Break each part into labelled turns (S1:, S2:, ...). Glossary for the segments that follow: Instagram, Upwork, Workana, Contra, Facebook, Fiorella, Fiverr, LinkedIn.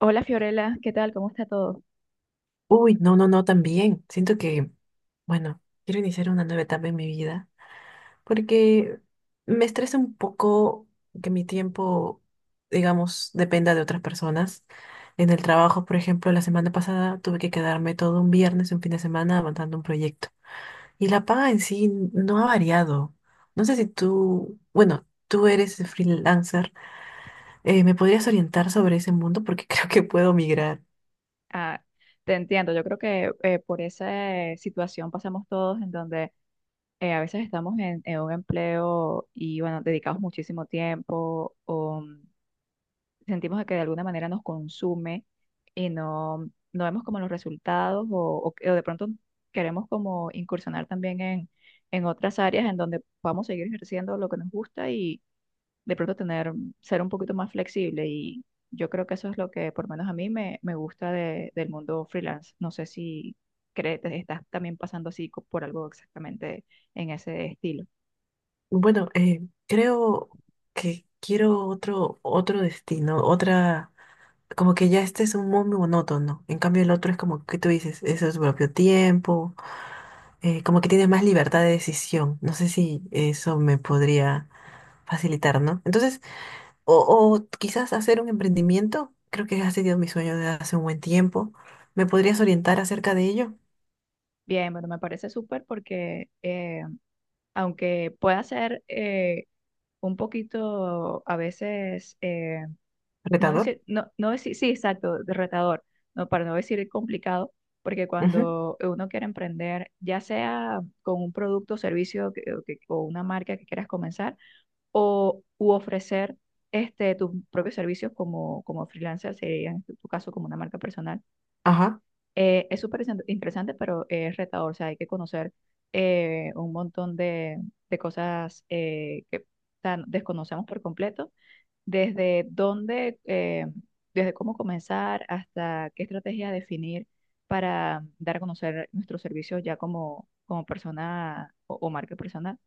S1: Hola Fiorella, ¿qué tal? ¿Cómo está todo?
S2: Uy, no, no, no, también. Siento que, bueno, quiero iniciar una nueva etapa en mi vida porque me estresa un poco que mi tiempo, digamos, dependa de otras personas. En el trabajo, por ejemplo, la semana pasada tuve que quedarme todo un viernes, un fin de semana, avanzando un proyecto. Y la paga en sí no ha variado. No sé si tú, bueno, tú eres freelancer, ¿me podrías orientar sobre ese mundo? Porque creo que puedo migrar.
S1: Ah, te entiendo, yo creo que por esa situación pasamos todos en donde a veces estamos en un empleo y bueno, dedicamos muchísimo tiempo o mm, sentimos que de alguna manera nos consume y no vemos como los resultados o o de pronto queremos como incursionar también en otras áreas en donde podamos seguir ejerciendo lo que nos gusta de pronto tener, ser un poquito más flexible y yo creo que eso es lo que por lo menos a mí me gusta del mundo freelance. No sé si crees, estás también pasando así por algo exactamente en ese estilo.
S2: Bueno, creo que quiero otro destino, otra, como que ya este es un muy monótono. En cambio, el otro es como que tú dices, eso es su propio tiempo, como que tienes más libertad de decisión. No sé si eso me podría facilitar, ¿no? Entonces, o, o quizás hacer un emprendimiento, creo que ha sido mi sueño desde hace un buen tiempo. ¿Me podrías orientar acerca de ello?
S1: Bien, bueno, me parece súper porque aunque pueda ser un poquito a veces no
S2: Retador.
S1: decir, no, no decir, sí, exacto, de retador, no, para no decir complicado, porque
S2: Ujú.
S1: cuando uno quiere emprender, ya sea con un producto o servicio o, o una marca que quieras comenzar, o u ofrecer este, tus propios servicios como freelancer, sería en tu caso como una marca personal,
S2: Ajá.
S1: es súper interesante, pero es retador, o sea, hay que conocer un montón de cosas que o sea, desconocemos por completo desde dónde, desde cómo comenzar hasta qué estrategia definir para dar a conocer nuestros servicios ya como persona o marca personal.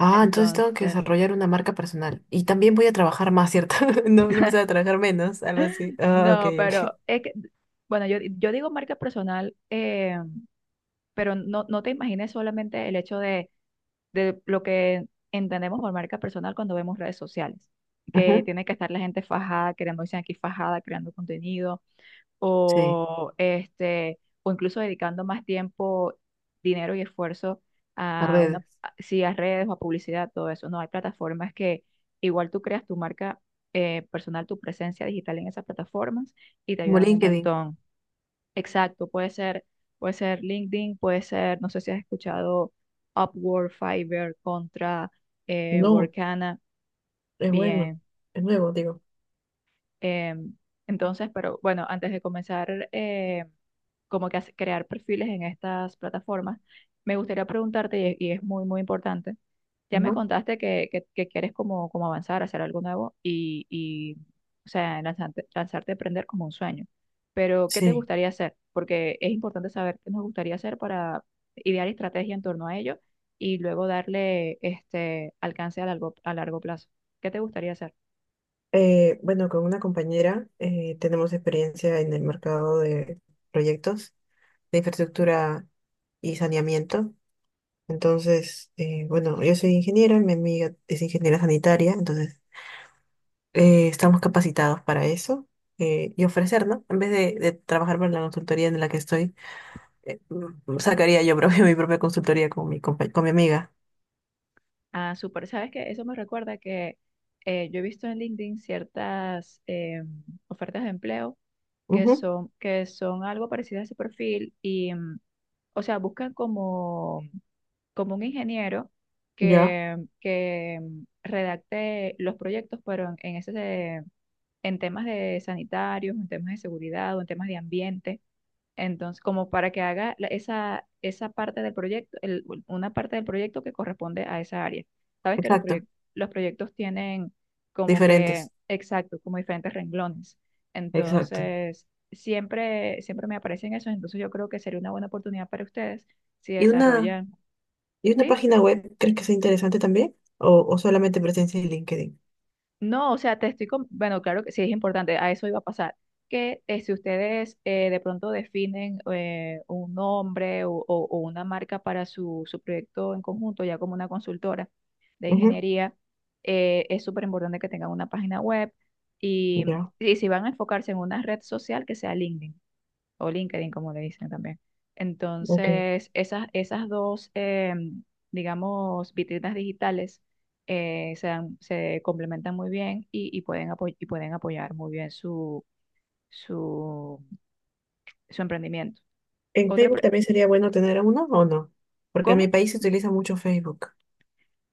S2: Ah, entonces tengo que
S1: Entonces,
S2: desarrollar una marca personal. Y también voy a trabajar más, ¿cierto? No, yo empezaba a trabajar menos, algo así. Ah, ok,
S1: no,
S2: ok.
S1: pero es que, bueno, yo digo marca personal, pero no te imagines solamente el hecho de, lo que entendemos por marca personal cuando vemos redes sociales, que
S2: Ujú.
S1: tiene que estar la gente fajada, creando, dicen aquí fajada, creando contenido
S2: Sí,
S1: o este, o incluso dedicando más tiempo, dinero y esfuerzo
S2: a
S1: a una,
S2: redes.
S1: sí, a redes o a publicidad, todo eso, ¿no? Hay plataformas que igual tú creas tu marca personal, tu presencia digital en esas plataformas y te
S2: Como
S1: ayudan un
S2: LinkedIn.
S1: montón. Exacto, puede ser LinkedIn, puede ser, no sé si has escuchado Upwork, Fiverr, Contra,
S2: No,
S1: Workana,
S2: es bueno,
S1: bien.
S2: es nuevo, digo.
S1: Eh, entonces, pero bueno, antes de comenzar como que crear perfiles en estas plataformas, me gustaría preguntarte, y es muy, muy importante, ya me
S2: Ujú.
S1: contaste que, que quieres como avanzar, hacer algo nuevo o sea, lanzarte a aprender como un sueño, pero ¿qué te
S2: Sí.
S1: gustaría hacer? Porque es importante saber qué nos gustaría hacer para idear estrategia en torno a ello y luego darle este alcance a largo plazo. ¿Qué te gustaría hacer?
S2: Bueno, con una compañera tenemos experiencia en el mercado de proyectos de infraestructura y saneamiento. Entonces, bueno, yo soy ingeniera, mi amiga es ingeniera sanitaria, entonces estamos capacitados para eso y ofrecer, ¿no? En vez de, trabajar para la consultoría en la que estoy, sacaría yo propio mi propia consultoría con mi, con mi amiga.
S1: Ah, súper. ¿Sabes qué? Eso me recuerda que yo he visto en LinkedIn ciertas ofertas de empleo
S2: Ujú,
S1: que son algo parecidas a ese perfil y, mm, o sea, buscan como un ingeniero
S2: ya,
S1: que mm, redacte los proyectos, pero ese en temas de sanitarios, en temas de seguridad o en temas de ambiente. Entonces, como para que haga esa, esa parte del proyecto, una parte del proyecto que corresponde a esa área. Sabes que los
S2: exacto,
S1: proyectos, los proyectos tienen como que,
S2: diferentes,
S1: exacto, como diferentes renglones.
S2: exacto.
S1: Entonces, siempre me aparecen esos. Entonces, yo creo que sería una buena oportunidad para ustedes si
S2: ¿Y una,
S1: desarrollan,
S2: y una
S1: ¿sí?
S2: página web crees que sea interesante también? O solamente presencia en LinkedIn?
S1: No, o sea, te estoy con... Bueno, claro que sí es importante, a eso iba a pasar. Que si ustedes de pronto definen un nombre o una marca para su, su proyecto en conjunto, ya como una consultora de
S2: Ujú,
S1: ingeniería, es súper importante que tengan una página web y,
S2: ya,
S1: y si van a enfocarse en una red social, que sea LinkedIn o LinkedIn, como le dicen también.
S2: ok.
S1: Entonces, esas, esas dos, digamos, vitrinas digitales se, se complementan muy bien y pueden y pueden apoyar muy bien su, su, su emprendimiento.
S2: ¿En
S1: Otra
S2: Facebook
S1: pre-
S2: también sería bueno tener uno o no? Porque en mi
S1: ¿Cómo?
S2: país se utiliza mucho Facebook.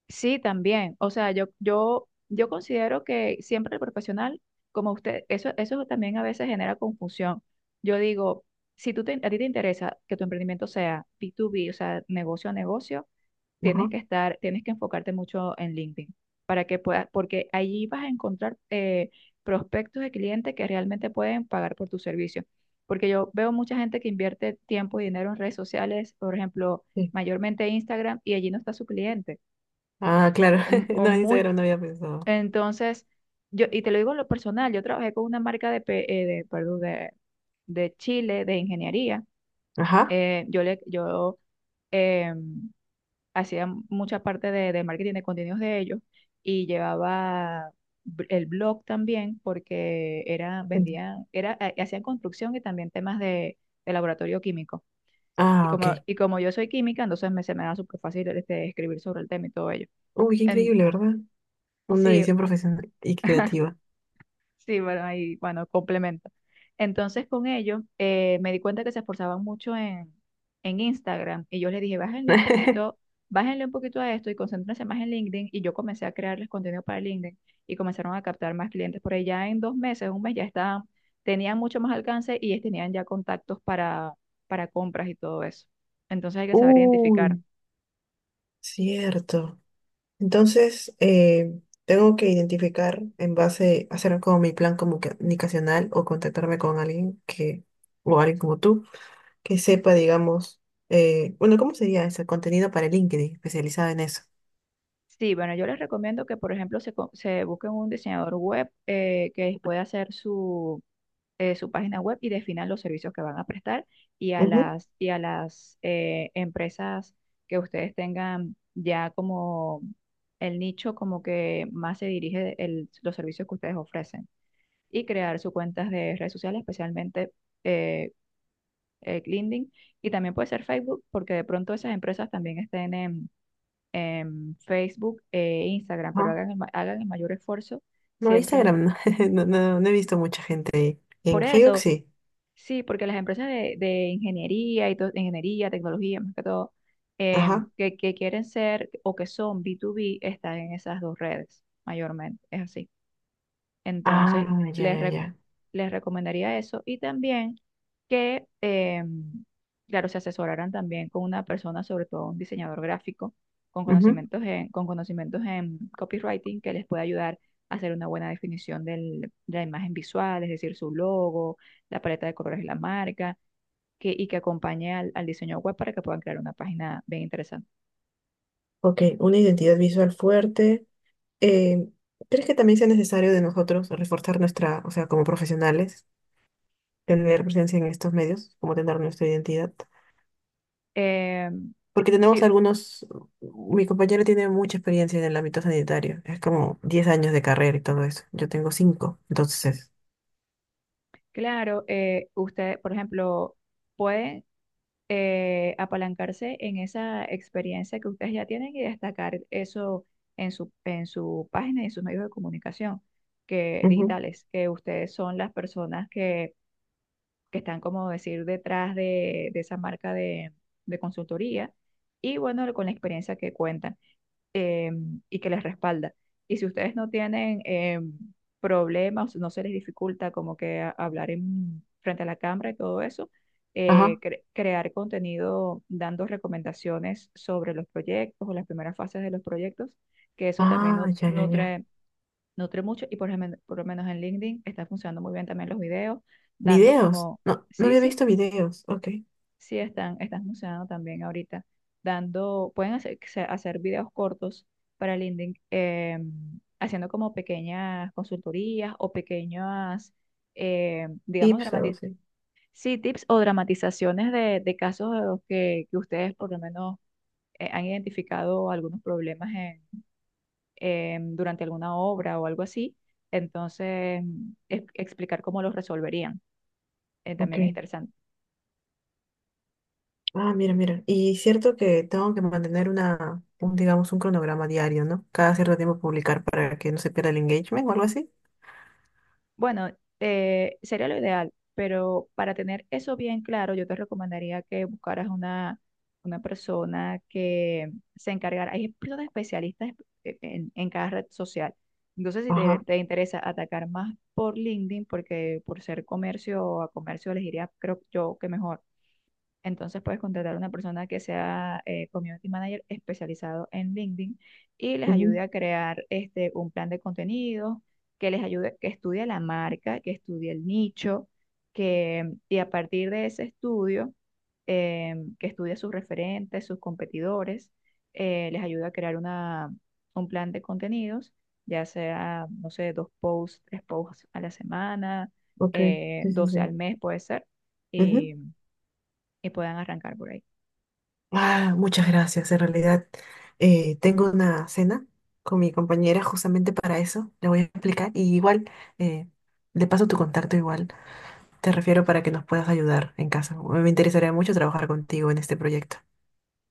S1: Sí, también. O sea, yo considero que siempre el profesional, como usted, eso también a veces genera confusión. Yo digo, si tú a ti te interesa que tu emprendimiento sea B2B, o sea, negocio a negocio,
S2: Ajá,
S1: tienes que estar, tienes que enfocarte mucho en LinkedIn para que puedas, porque allí vas a encontrar prospectos de clientes que realmente pueden pagar por tu servicio. Porque yo veo mucha gente que invierte tiempo y dinero en redes sociales, por ejemplo,
S2: sí.
S1: mayormente Instagram, y allí no está su cliente.
S2: Ah, claro,
S1: O, mm, o
S2: no, en
S1: muy,
S2: Instagram no había pensado.
S1: entonces, yo, y te lo digo en lo personal, yo trabajé con una marca de, perdón, de Chile, de ingeniería.
S2: Ajá.
S1: Yo le, yo eh, hacía mucha parte de marketing de contenidos de ellos y llevaba el blog también porque era, vendían, era, hacían construcción y también temas de laboratorio químico.
S2: Ah, ok.
S1: Y como yo soy química, entonces me, se me da súper fácil este, escribir sobre el tema y todo ello.
S2: Uy, qué
S1: En,
S2: increíble, ¿verdad? Una
S1: sí,
S2: visión profesional y creativa.
S1: sí, bueno, ahí, bueno, complemento. Entonces, con ellos me di cuenta que se esforzaban mucho en Instagram y yo les dije, bájenle un poquito a esto y concéntrense más en LinkedIn y yo comencé a crearles contenido para LinkedIn y comenzaron a captar más clientes. Por ahí ya en 2 meses, un mes ya estaban, tenían mucho más alcance y tenían ya contactos para compras y todo eso. Entonces hay que saber
S2: Uy,
S1: identificar.
S2: cierto. Entonces, tengo que identificar en base, hacer como mi plan comunicacional o contactarme con alguien que, o alguien como tú, que sepa, digamos, bueno, ¿cómo sería ese contenido para LinkedIn especializado en eso?
S1: Sí, bueno, yo les recomiendo que, por ejemplo, se, se busquen un diseñador web que pueda hacer su su página web y definan los servicios que van a prestar
S2: Ujú,
S1: y a las empresas que ustedes tengan ya como el nicho como que más se dirige los servicios que ustedes ofrecen y crear sus cuentas de redes sociales, especialmente eh, LinkedIn y también puede ser Facebook porque de pronto esas empresas también estén en Facebook e Instagram, pero
S2: ajá.
S1: hagan hagan el mayor esfuerzo
S2: No,
S1: siempre.
S2: Instagram, no, no, no, no he visto mucha gente ahí.
S1: Por
S2: En Facebook
S1: eso
S2: sí.
S1: sí, porque las empresas de ingeniería y todo, ingeniería, tecnología, más que todo, eh,
S2: Ajá.
S1: que quieren ser o que son B2B, están en esas dos redes, mayormente. Es así.
S2: Ah,
S1: Entonces,
S2: ya,
S1: les, re-
S2: ya,
S1: les recomendaría eso y también que, claro, se asesoraran también con una persona, sobre todo un diseñador gráfico,
S2: ya.
S1: con conocimientos en copywriting que les pueda ayudar a hacer una buena definición de la imagen visual, es decir, su logo, la paleta de colores de la marca, que, y que acompañe al diseño web para que puedan crear una página bien interesante.
S2: Ok, una identidad visual fuerte. Eh, ¿Crees que también sea necesario de nosotros reforzar nuestra, o sea, como profesionales, tener presencia en estos medios, como tener nuestra identidad?
S1: Em,
S2: Porque
S1: sí,
S2: tenemos algunos, mi compañero tiene mucha experiencia en el ámbito sanitario, es como 10 años de carrera y todo eso. Yo tengo 5. Entonces.
S1: claro, usted, por ejemplo, puede apalancarse en esa experiencia que ustedes ya tienen y destacar eso en su página y en sus medios de comunicación que,
S2: Ujú,
S1: digitales, que ustedes son las personas que están, como decir, detrás de esa marca de consultoría y bueno, con la experiencia que cuentan eh, y que les respalda. Y si ustedes no tienen problemas, no se les dificulta como que hablar frente a la cámara y todo eso,
S2: ajá.
S1: crear contenido dando recomendaciones sobre los proyectos o las primeras fases de los proyectos, que eso también
S2: Ah, ya, ya, ya.
S1: nutre, nutre mucho y por, por lo menos en LinkedIn está funcionando muy bien también los videos, dando
S2: Videos.
S1: como,
S2: No, no
S1: sí,
S2: había
S1: sí,
S2: visto videos. Ok.
S1: sí, están, están funcionando también ahorita, dando, pueden hacer, hacer videos cortos para LinkedIn, haciendo como pequeñas consultorías o pequeñas, digamos,
S2: Tips, algo así.
S1: sí, tips o dramatizaciones de casos de los que ustedes por lo menos han identificado algunos problemas durante alguna obra o algo así. Entonces, explicar cómo los resolverían,
S2: Ok.
S1: también es interesante.
S2: Ah, mira, mira. Y cierto que tengo que mantener una, un, digamos, un cronograma diario, ¿no? Cada cierto tiempo publicar para que no se pierda el engagement o algo así.
S1: Bueno, sería lo ideal, pero para tener eso bien claro, yo te recomendaría que buscaras una persona que se encargara. Hay personas especialistas en cada red social. Entonces, si te,
S2: Ajá.
S1: te interesa atacar más por LinkedIn, porque por ser comercio a comercio elegiría, creo yo que mejor. Entonces puedes contratar a una persona que sea community manager especializado en LinkedIn y les ayude
S2: Ujú,
S1: a crear este, un plan de contenido, que les ayude, que estudie la marca, que estudie el nicho, que, y a partir de ese estudio, que estudie sus referentes, sus competidores, les ayude a crear una, un plan de contenidos, ya sea, no sé, dos posts, tres posts a la semana,
S2: ok. Sí, sí,
S1: 12
S2: sí.
S1: al mes puede ser
S2: Ujú.
S1: y puedan arrancar por ahí.
S2: Ah, muchas gracias. En realidad, tengo una cena con mi compañera justamente para eso. Le voy a explicar. Y igual, eh, le paso tu contacto igual. Te refiero para que nos puedas ayudar en casa. Me interesaría mucho trabajar contigo en este proyecto.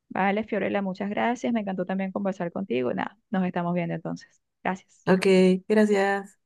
S1: Vale, Fiorella, muchas gracias. Me encantó también conversar contigo. Nada, nos estamos viendo entonces. Gracias.
S2: Ok, gracias.